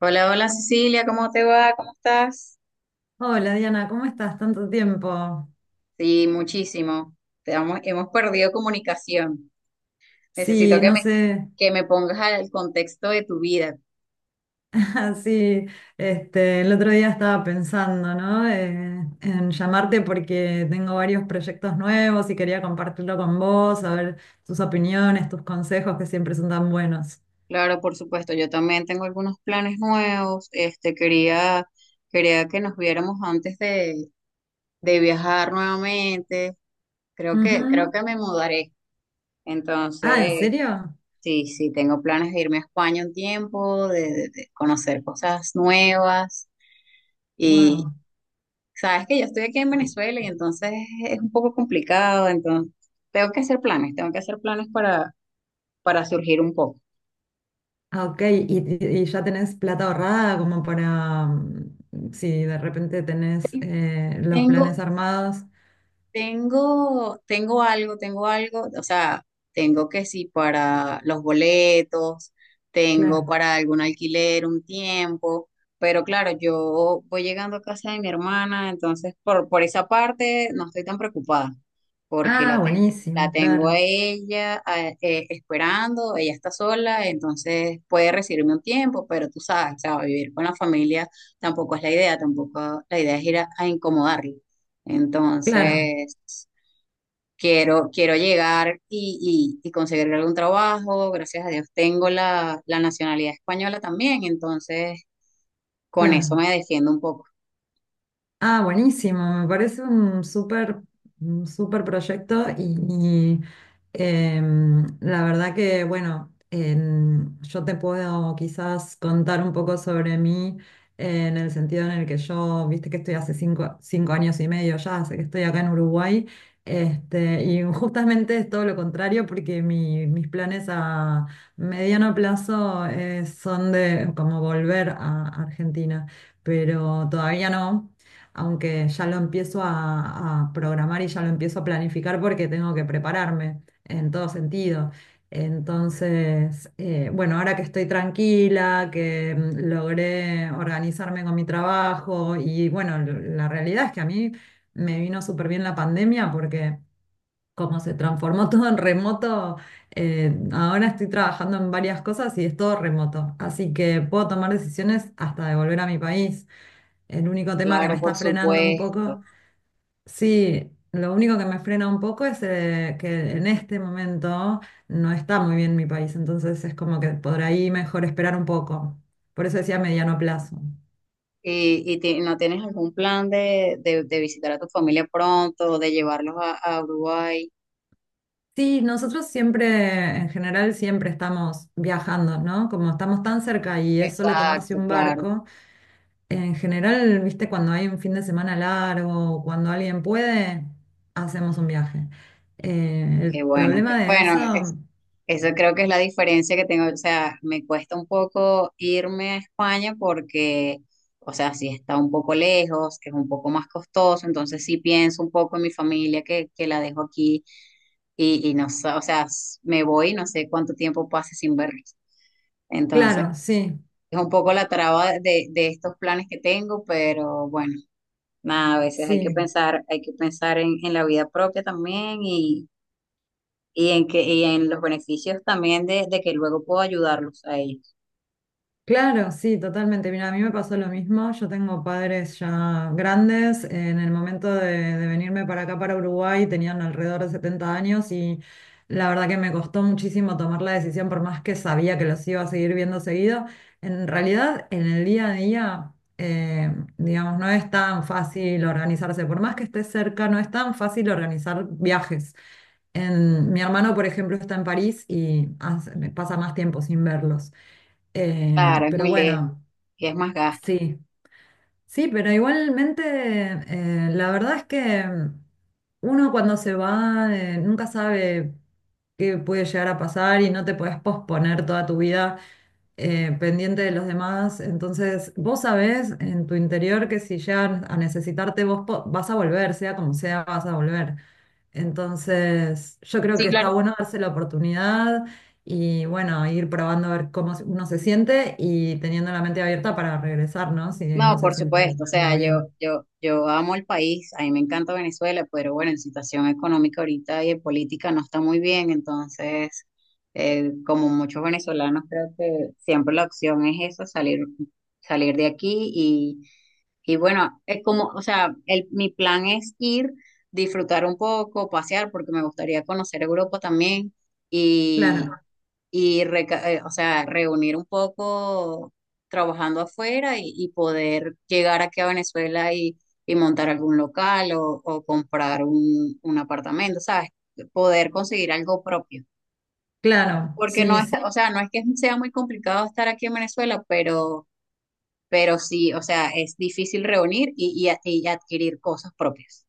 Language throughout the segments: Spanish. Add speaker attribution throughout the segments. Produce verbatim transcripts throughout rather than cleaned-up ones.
Speaker 1: Hola, hola Cecilia, ¿cómo te va? ¿Cómo estás?
Speaker 2: Hola Diana, ¿cómo estás? Tanto tiempo.
Speaker 1: Sí, muchísimo. Te hemos, hemos perdido comunicación. Necesito
Speaker 2: Sí,
Speaker 1: que
Speaker 2: no
Speaker 1: me,
Speaker 2: sé,
Speaker 1: que me pongas al contexto de tu vida.
Speaker 2: sí, este, el otro día estaba pensando, ¿no? Eh, en llamarte porque tengo varios proyectos nuevos y quería compartirlo con vos, a ver tus opiniones, tus consejos que siempre son tan buenos.
Speaker 1: Claro, por supuesto, yo también tengo algunos planes nuevos. Este, quería, quería que nos viéramos antes de, de viajar nuevamente. Creo que, creo
Speaker 2: Ujú.
Speaker 1: que me mudaré.
Speaker 2: Ah, ¿en
Speaker 1: Entonces,
Speaker 2: serio?
Speaker 1: sí, sí, tengo planes de irme a España un tiempo, de de- de conocer cosas nuevas.
Speaker 2: Wow.
Speaker 1: Sabes que yo estoy aquí en Venezuela y entonces es un poco complicado, entonces tengo que hacer planes, tengo que hacer planes para, para surgir un poco.
Speaker 2: Ah, ok. ¿Y, y- y ya tenés plata ahorrada como para, mm, si de repente tenés eh, los
Speaker 1: Tengo
Speaker 2: planes armados?
Speaker 1: Tengo, tengo algo, tengo algo, o sea, tengo que sí para los boletos, tengo
Speaker 2: Claro.
Speaker 1: para algún alquiler un tiempo, pero claro, yo voy llegando a casa de mi hermana, entonces por, por esa parte no estoy tan preocupada, porque
Speaker 2: Ah,
Speaker 1: la tengo, la
Speaker 2: buenísimo,
Speaker 1: tengo
Speaker 2: claro.
Speaker 1: a ella a- eh, esperando. Ella está sola, entonces puede recibirme un tiempo, pero tú sabes, o sea, vivir con la familia tampoco es la idea, tampoco la idea es ir a, a incomodarla.
Speaker 2: Claro,
Speaker 1: Entonces, quiero, quiero llegar y, y, y conseguir algún trabajo. Gracias a Dios tengo la, la nacionalidad española también, entonces con eso
Speaker 2: claro.
Speaker 1: me defiendo un poco.
Speaker 2: Ah, buenísimo, me parece un súper un súper proyecto y, y, em, la verdad que, bueno, en- yo te puedo quizás contar un poco sobre mí en el sentido en el que yo, viste que estoy hace cinco, cinco años y medio ya, hace que estoy acá en Uruguay, este, y justamente es todo lo contrario porque mi- mis planes a mediano plazo eh, son de como volver a Argentina pero todavía no, aunque ya lo empiezo a, a programar y ya lo empiezo a planificar porque tengo que prepararme en todo sentido. Entonces, eh, bueno, ahora que estoy tranquila, que mm, logré organizarme con mi trabajo y bueno, l- la realidad es que a mí me vino súper bien la pandemia porque como se transformó todo en remoto, eh, ahora estoy trabajando en varias cosas y es todo remoto, así que puedo tomar decisiones hasta de volver a mi país. El único tema que me
Speaker 1: Claro,
Speaker 2: está
Speaker 1: por
Speaker 2: frenando un
Speaker 1: supuesto.
Speaker 2: poco, sí, lo único que me frena un poco es eh, que en este momento no está muy bien mi país, entonces es como que por ahí mejor esperar un poco. Por eso decía mediano plazo.
Speaker 1: ¿Y, y ti- No tienes algún plan de, de, de visitar a tu familia pronto, de llevarlos a, a Uruguay?
Speaker 2: Sí, nosotros siempre, en general, siempre estamos viajando, ¿no? Como estamos tan cerca y es solo tomarse
Speaker 1: Exacto,
Speaker 2: un
Speaker 1: claro.
Speaker 2: barco, en general, viste, cuando hay un fin de semana largo, o cuando alguien puede, hacemos un viaje. Eh, el
Speaker 1: Qué bueno, qué
Speaker 2: problema de
Speaker 1: bueno, es-
Speaker 2: eso...
Speaker 1: eso creo que es la diferencia que tengo. O sea, me cuesta un poco irme a España porque, o sea, sí está un poco lejos, es un poco más costoso, entonces sí pienso un poco en mi familia, que, que la dejo aquí y, y no sé. O sea, s- me voy y no sé cuánto tiempo pase sin verlos. Entonces,
Speaker 2: Claro, sí,
Speaker 1: es un poco la traba de, de estos planes que tengo, pero bueno, nada, a veces hay que
Speaker 2: sí,
Speaker 1: pensar, hay que pensar en, en la vida propia también y en que, y en los beneficios también de, de que luego puedo ayudarlos a ellos.
Speaker 2: claro, sí, totalmente. Mira, a mí me pasó lo mismo. Yo tengo padres ya grandes. En el momento de, de venirme para acá, para Uruguay, tenían alrededor de setenta años y la verdad que me costó muchísimo tomar la decisión, por más que sabía que los iba a seguir viendo seguido. En realidad, en el día a día, eh, digamos, no es tan fácil organizarse. Por más que estés cerca, no es tan fácil organizar viajes. En- mi hermano, por ejemplo, está en París y hace- me pasa más tiempo sin verlos. Eh,
Speaker 1: Claro, es
Speaker 2: pero
Speaker 1: muy lejos,
Speaker 2: bueno,
Speaker 1: que es más gasto.
Speaker 2: sí, sí, pero igualmente eh, la verdad es que mm, uno cuando se va eh, nunca sabe qué puede llegar a pasar y no te puedes posponer toda tu vida eh, pendiente de los demás. Entonces, vos sabés en tu interior que si llegan a necesitarte, vos po- vas a volver, sea como sea, vas a volver. Entonces, yo creo
Speaker 1: Sí,
Speaker 2: que está
Speaker 1: claro.
Speaker 2: bueno darse la oportunidad y bueno, ir probando a ver cómo uno se siente y teniendo la mente abierta para regresar, ¿no? Si no
Speaker 1: No,
Speaker 2: se
Speaker 1: por
Speaker 2: siente
Speaker 1: supuesto, o
Speaker 2: uno
Speaker 1: sea, yo,
Speaker 2: bien.
Speaker 1: yo, yo amo el país, a mí me encanta Venezuela, pero bueno, la situación económica ahorita y de política no está muy bien. Entonces, eh, como muchos venezolanos, creo que siempre la opción es esa: salir, salir de aquí. Y, y bueno, es como, o sea, el, mi plan es ir, disfrutar un poco, pasear, porque me gustaría conocer Europa también y,
Speaker 2: Claro,
Speaker 1: y reca- eh, o sea, reunir un poco trabajando afuera y, y poder llegar aquí a Venezuela y, y montar algún local o, o comprar un, un apartamento, ¿sabes? Poder conseguir algo propio.
Speaker 2: claro,
Speaker 1: Porque no
Speaker 2: sí, sí,
Speaker 1: está, o sea, no es que sea muy complicado estar aquí en Venezuela, pero, pero sí, o sea, es difícil reunir y, y a- y adquirir cosas propias.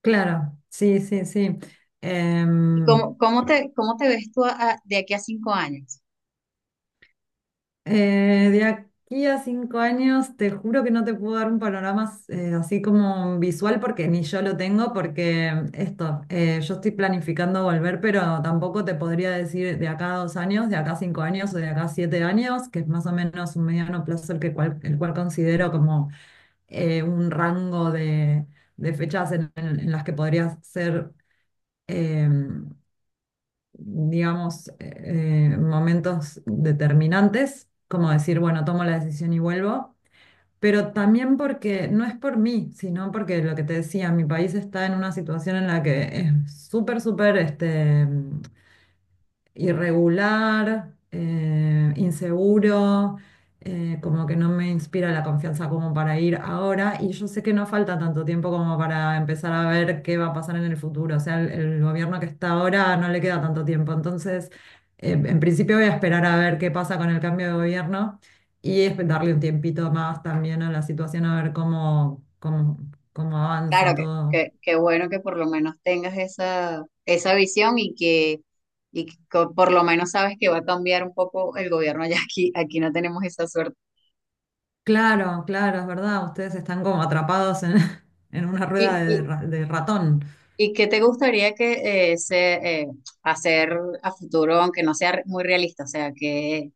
Speaker 2: claro, sí, sí, sí.
Speaker 1: ¿Y
Speaker 2: Em,
Speaker 1: cómo, cómo te, cómo te ves tú a- a- de aquí a cinco años?
Speaker 2: eh, de aquí a cinco años, te juro que no te puedo dar un panorama eh, así como visual porque ni yo lo tengo, porque esto, eh, yo estoy planificando volver, pero tampoco te podría decir de acá a dos años, de acá a cinco años o de acá a siete años, que es más o menos un mediano plazo el que cual- el cual considero como eh, un rango de, de fechas en, en- en las que podría ser. Em, digamos, eh, eh, momentos determinantes, como decir, bueno, tomo la decisión y vuelvo, pero también porque no es por mí, sino porque lo que te decía, mi país está en una situación en la que es súper, súper, este, irregular, eh, inseguro, eh, como que no me inspira la confianza como para ir ahora. Y yo sé que no falta tanto tiempo como para empezar a ver qué va a pasar en el futuro. O sea, el, el gobierno que está ahora no le queda tanto tiempo. Entonces, eh, en principio voy a esperar a ver qué pasa con el cambio de gobierno y esp- darle un tiempito más también a la situación, a ver cómo, cómo, cómo avanza
Speaker 1: Claro que,
Speaker 2: todo.
Speaker 1: que, que bueno que por lo menos tengas esa, esa visión y que, y que co- por lo menos sabes que va a cambiar un poco el gobierno ya. Aquí, aquí no tenemos esa suerte.
Speaker 2: Claro, claro, es verdad, ustedes están como atrapados en, en una rueda
Speaker 1: ¿Y, y,
Speaker 2: de, ra- de ratón.
Speaker 1: y qué te gustaría que eh, se, eh, hacer a futuro, aunque no sea re- muy realista? O sea, que,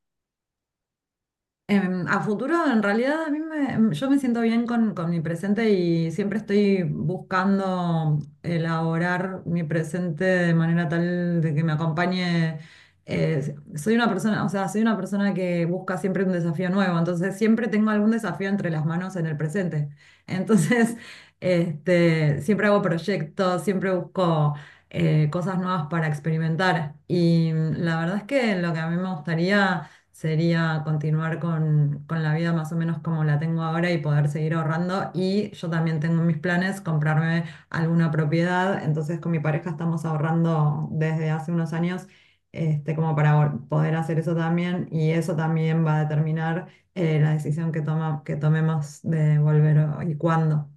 Speaker 2: Em, a futuro, en realidad, a mí me, em, yo me siento bien con, con mi presente y siempre estoy buscando elaborar mi presente de manera tal de que me acompañe. Eh, soy una persona, o sea, soy una persona que busca siempre un desafío nuevo, entonces siempre tengo algún desafío entre las manos en el presente. Entonces, este, siempre hago proyectos, siempre busco eh, cosas nuevas para experimentar y mm, la verdad es que lo que a mí me gustaría sería continuar con, con la vida más o menos como la tengo ahora y poder seguir ahorrando. Y yo también tengo en mis planes comprarme alguna propiedad. Entonces con mi pareja estamos ahorrando desde hace unos años este, como para vol- poder hacer eso también. Y eso también va a determinar eh, la decisión que toma, que tomemos de volver o- y cuándo.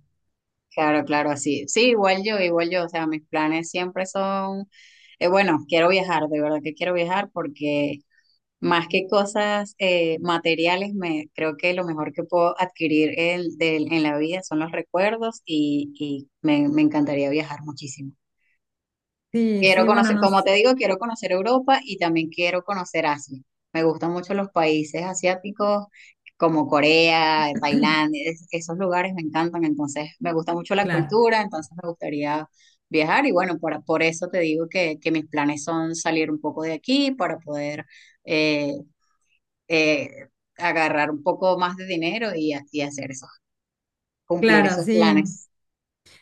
Speaker 1: claro, claro, así. Sí, igual yo, igual yo. O sea, mis planes siempre son, eh, bueno, quiero viajar, de verdad que quiero viajar. Porque más que cosas eh, materiales, me, creo que lo mejor que puedo adquirir el- del- en la vida son los recuerdos y, y me, me encantaría viajar muchísimo.
Speaker 2: Sí,
Speaker 1: Quiero
Speaker 2: sí, bueno,
Speaker 1: conocer, como
Speaker 2: nos,
Speaker 1: te digo, quiero conocer Europa y también quiero conocer Asia. Me gustan mucho los países asiáticos como Corea, Tailandia, es- esos lugares me encantan, entonces me gusta mucho la
Speaker 2: claro,
Speaker 1: cultura, entonces me gustaría viajar. Y bueno, por, por eso te digo que, que mis planes son salir un poco de aquí para poder... eh, eh, agarrar un poco más de dinero y, ha- y hacer esos, cumplir
Speaker 2: claro,
Speaker 1: esos
Speaker 2: sí.
Speaker 1: planes.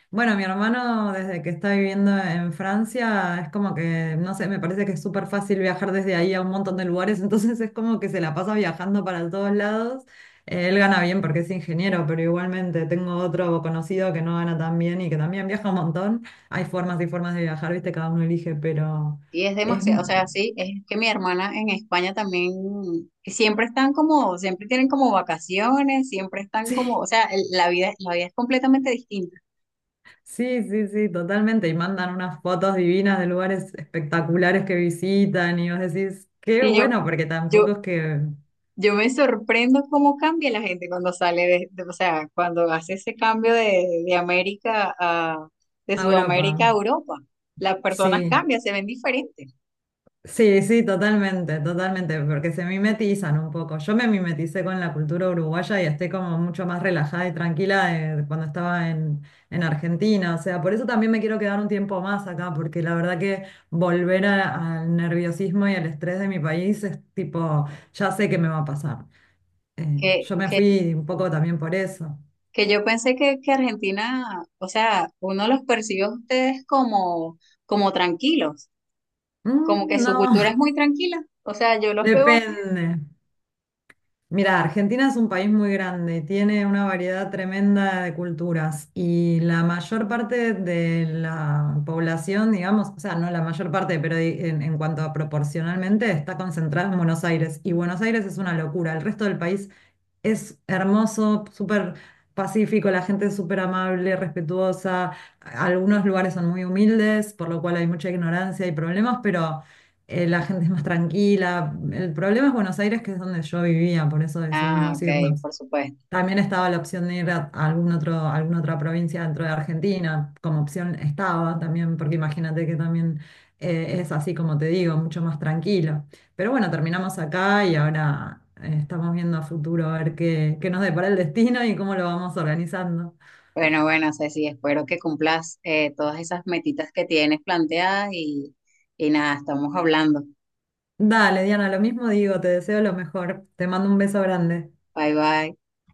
Speaker 2: Bueno, mi hermano desde que está viviendo en Francia es como que, no sé, me parece que es súper fácil viajar desde ahí a un montón de lugares, entonces es como que se la pasa viajando para todos lados. Eh, Él gana bien porque es ingeniero, pero igualmente tengo otro conocido que no gana tan bien y que también viaja un montón. Hay formas y formas de viajar, viste, cada uno elige, pero
Speaker 1: Y es
Speaker 2: es...
Speaker 1: demasiado, o
Speaker 2: mu-
Speaker 1: sea, sí, es que mi hermana en España también siempre están como, siempre tienen como vacaciones, siempre están como, o
Speaker 2: Sí,
Speaker 1: sea, el- la vida, la vida es completamente distinta.
Speaker 2: sí, sí, sí, totalmente. Y mandan unas fotos divinas de lugares espectaculares que visitan y vos decís, qué
Speaker 1: Y yo,
Speaker 2: bueno, porque tampoco
Speaker 1: yo,
Speaker 2: es que...
Speaker 1: yo me sorprendo cómo cambia la gente cuando sale de, de- o sea, cuando hace ese cambio de, de América a, de
Speaker 2: A
Speaker 1: Sudamérica
Speaker 2: Europa,
Speaker 1: a Europa. Las personas
Speaker 2: sí,
Speaker 1: cambian, se ven diferentes.
Speaker 2: sí, sí, totalmente, totalmente, porque se mimetizan un poco. Yo me mimeticé con la cultura uruguaya y estoy como mucho más relajada y tranquila de cuando estaba en, en Argentina, o sea, por eso también me quiero quedar un tiempo más acá, porque la verdad que volver a- al nerviosismo y al estrés de mi país es tipo, ya sé que me va a pasar. Eh, yo me fui un poco también por eso.
Speaker 1: Que yo pensé que, que Argentina, o sea, uno los percibe a ustedes como, como tranquilos,
Speaker 2: Mm,
Speaker 1: como que su
Speaker 2: no,
Speaker 1: cultura es muy tranquila. O sea, yo los veo así.
Speaker 2: depende. Mira, Argentina es un país muy grande, tiene una variedad tremenda de culturas y la mayor parte de la población, digamos, o sea, no la mayor parte, pero di- en, en cuanto a proporcionalmente, está concentrada en Buenos Aires y Buenos Aires es una locura. El resto del país es hermoso, súper pacífico, la gente es súper amable, respetuosa. Algunos lugares son muy humildes, por lo cual hay mucha ignorancia y problemas, pero eh, la gente es más tranquila. El problema es Buenos Aires, que es donde yo vivía, por eso
Speaker 1: Ah,
Speaker 2: decidimos
Speaker 1: ok,
Speaker 2: irnos.
Speaker 1: por supuesto.
Speaker 2: También estaba la opción de ir a algún otro, a alguna otra provincia dentro de Argentina, como opción estaba también, porque imagínate que también eh, es así como te digo, mucho más tranquilo. Pero bueno, terminamos acá y ahora eh, estamos viendo a futuro a ver qué, qué nos depara el destino y cómo lo vamos organizando.
Speaker 1: Bueno, bueno, Ceci, espero que cumplas eh, todas esas metitas que tienes planteadas y, y nada, estamos hablando.
Speaker 2: Dale, Diana, lo mismo digo, te deseo lo mejor. Te mando un beso grande.
Speaker 1: Bye, bye.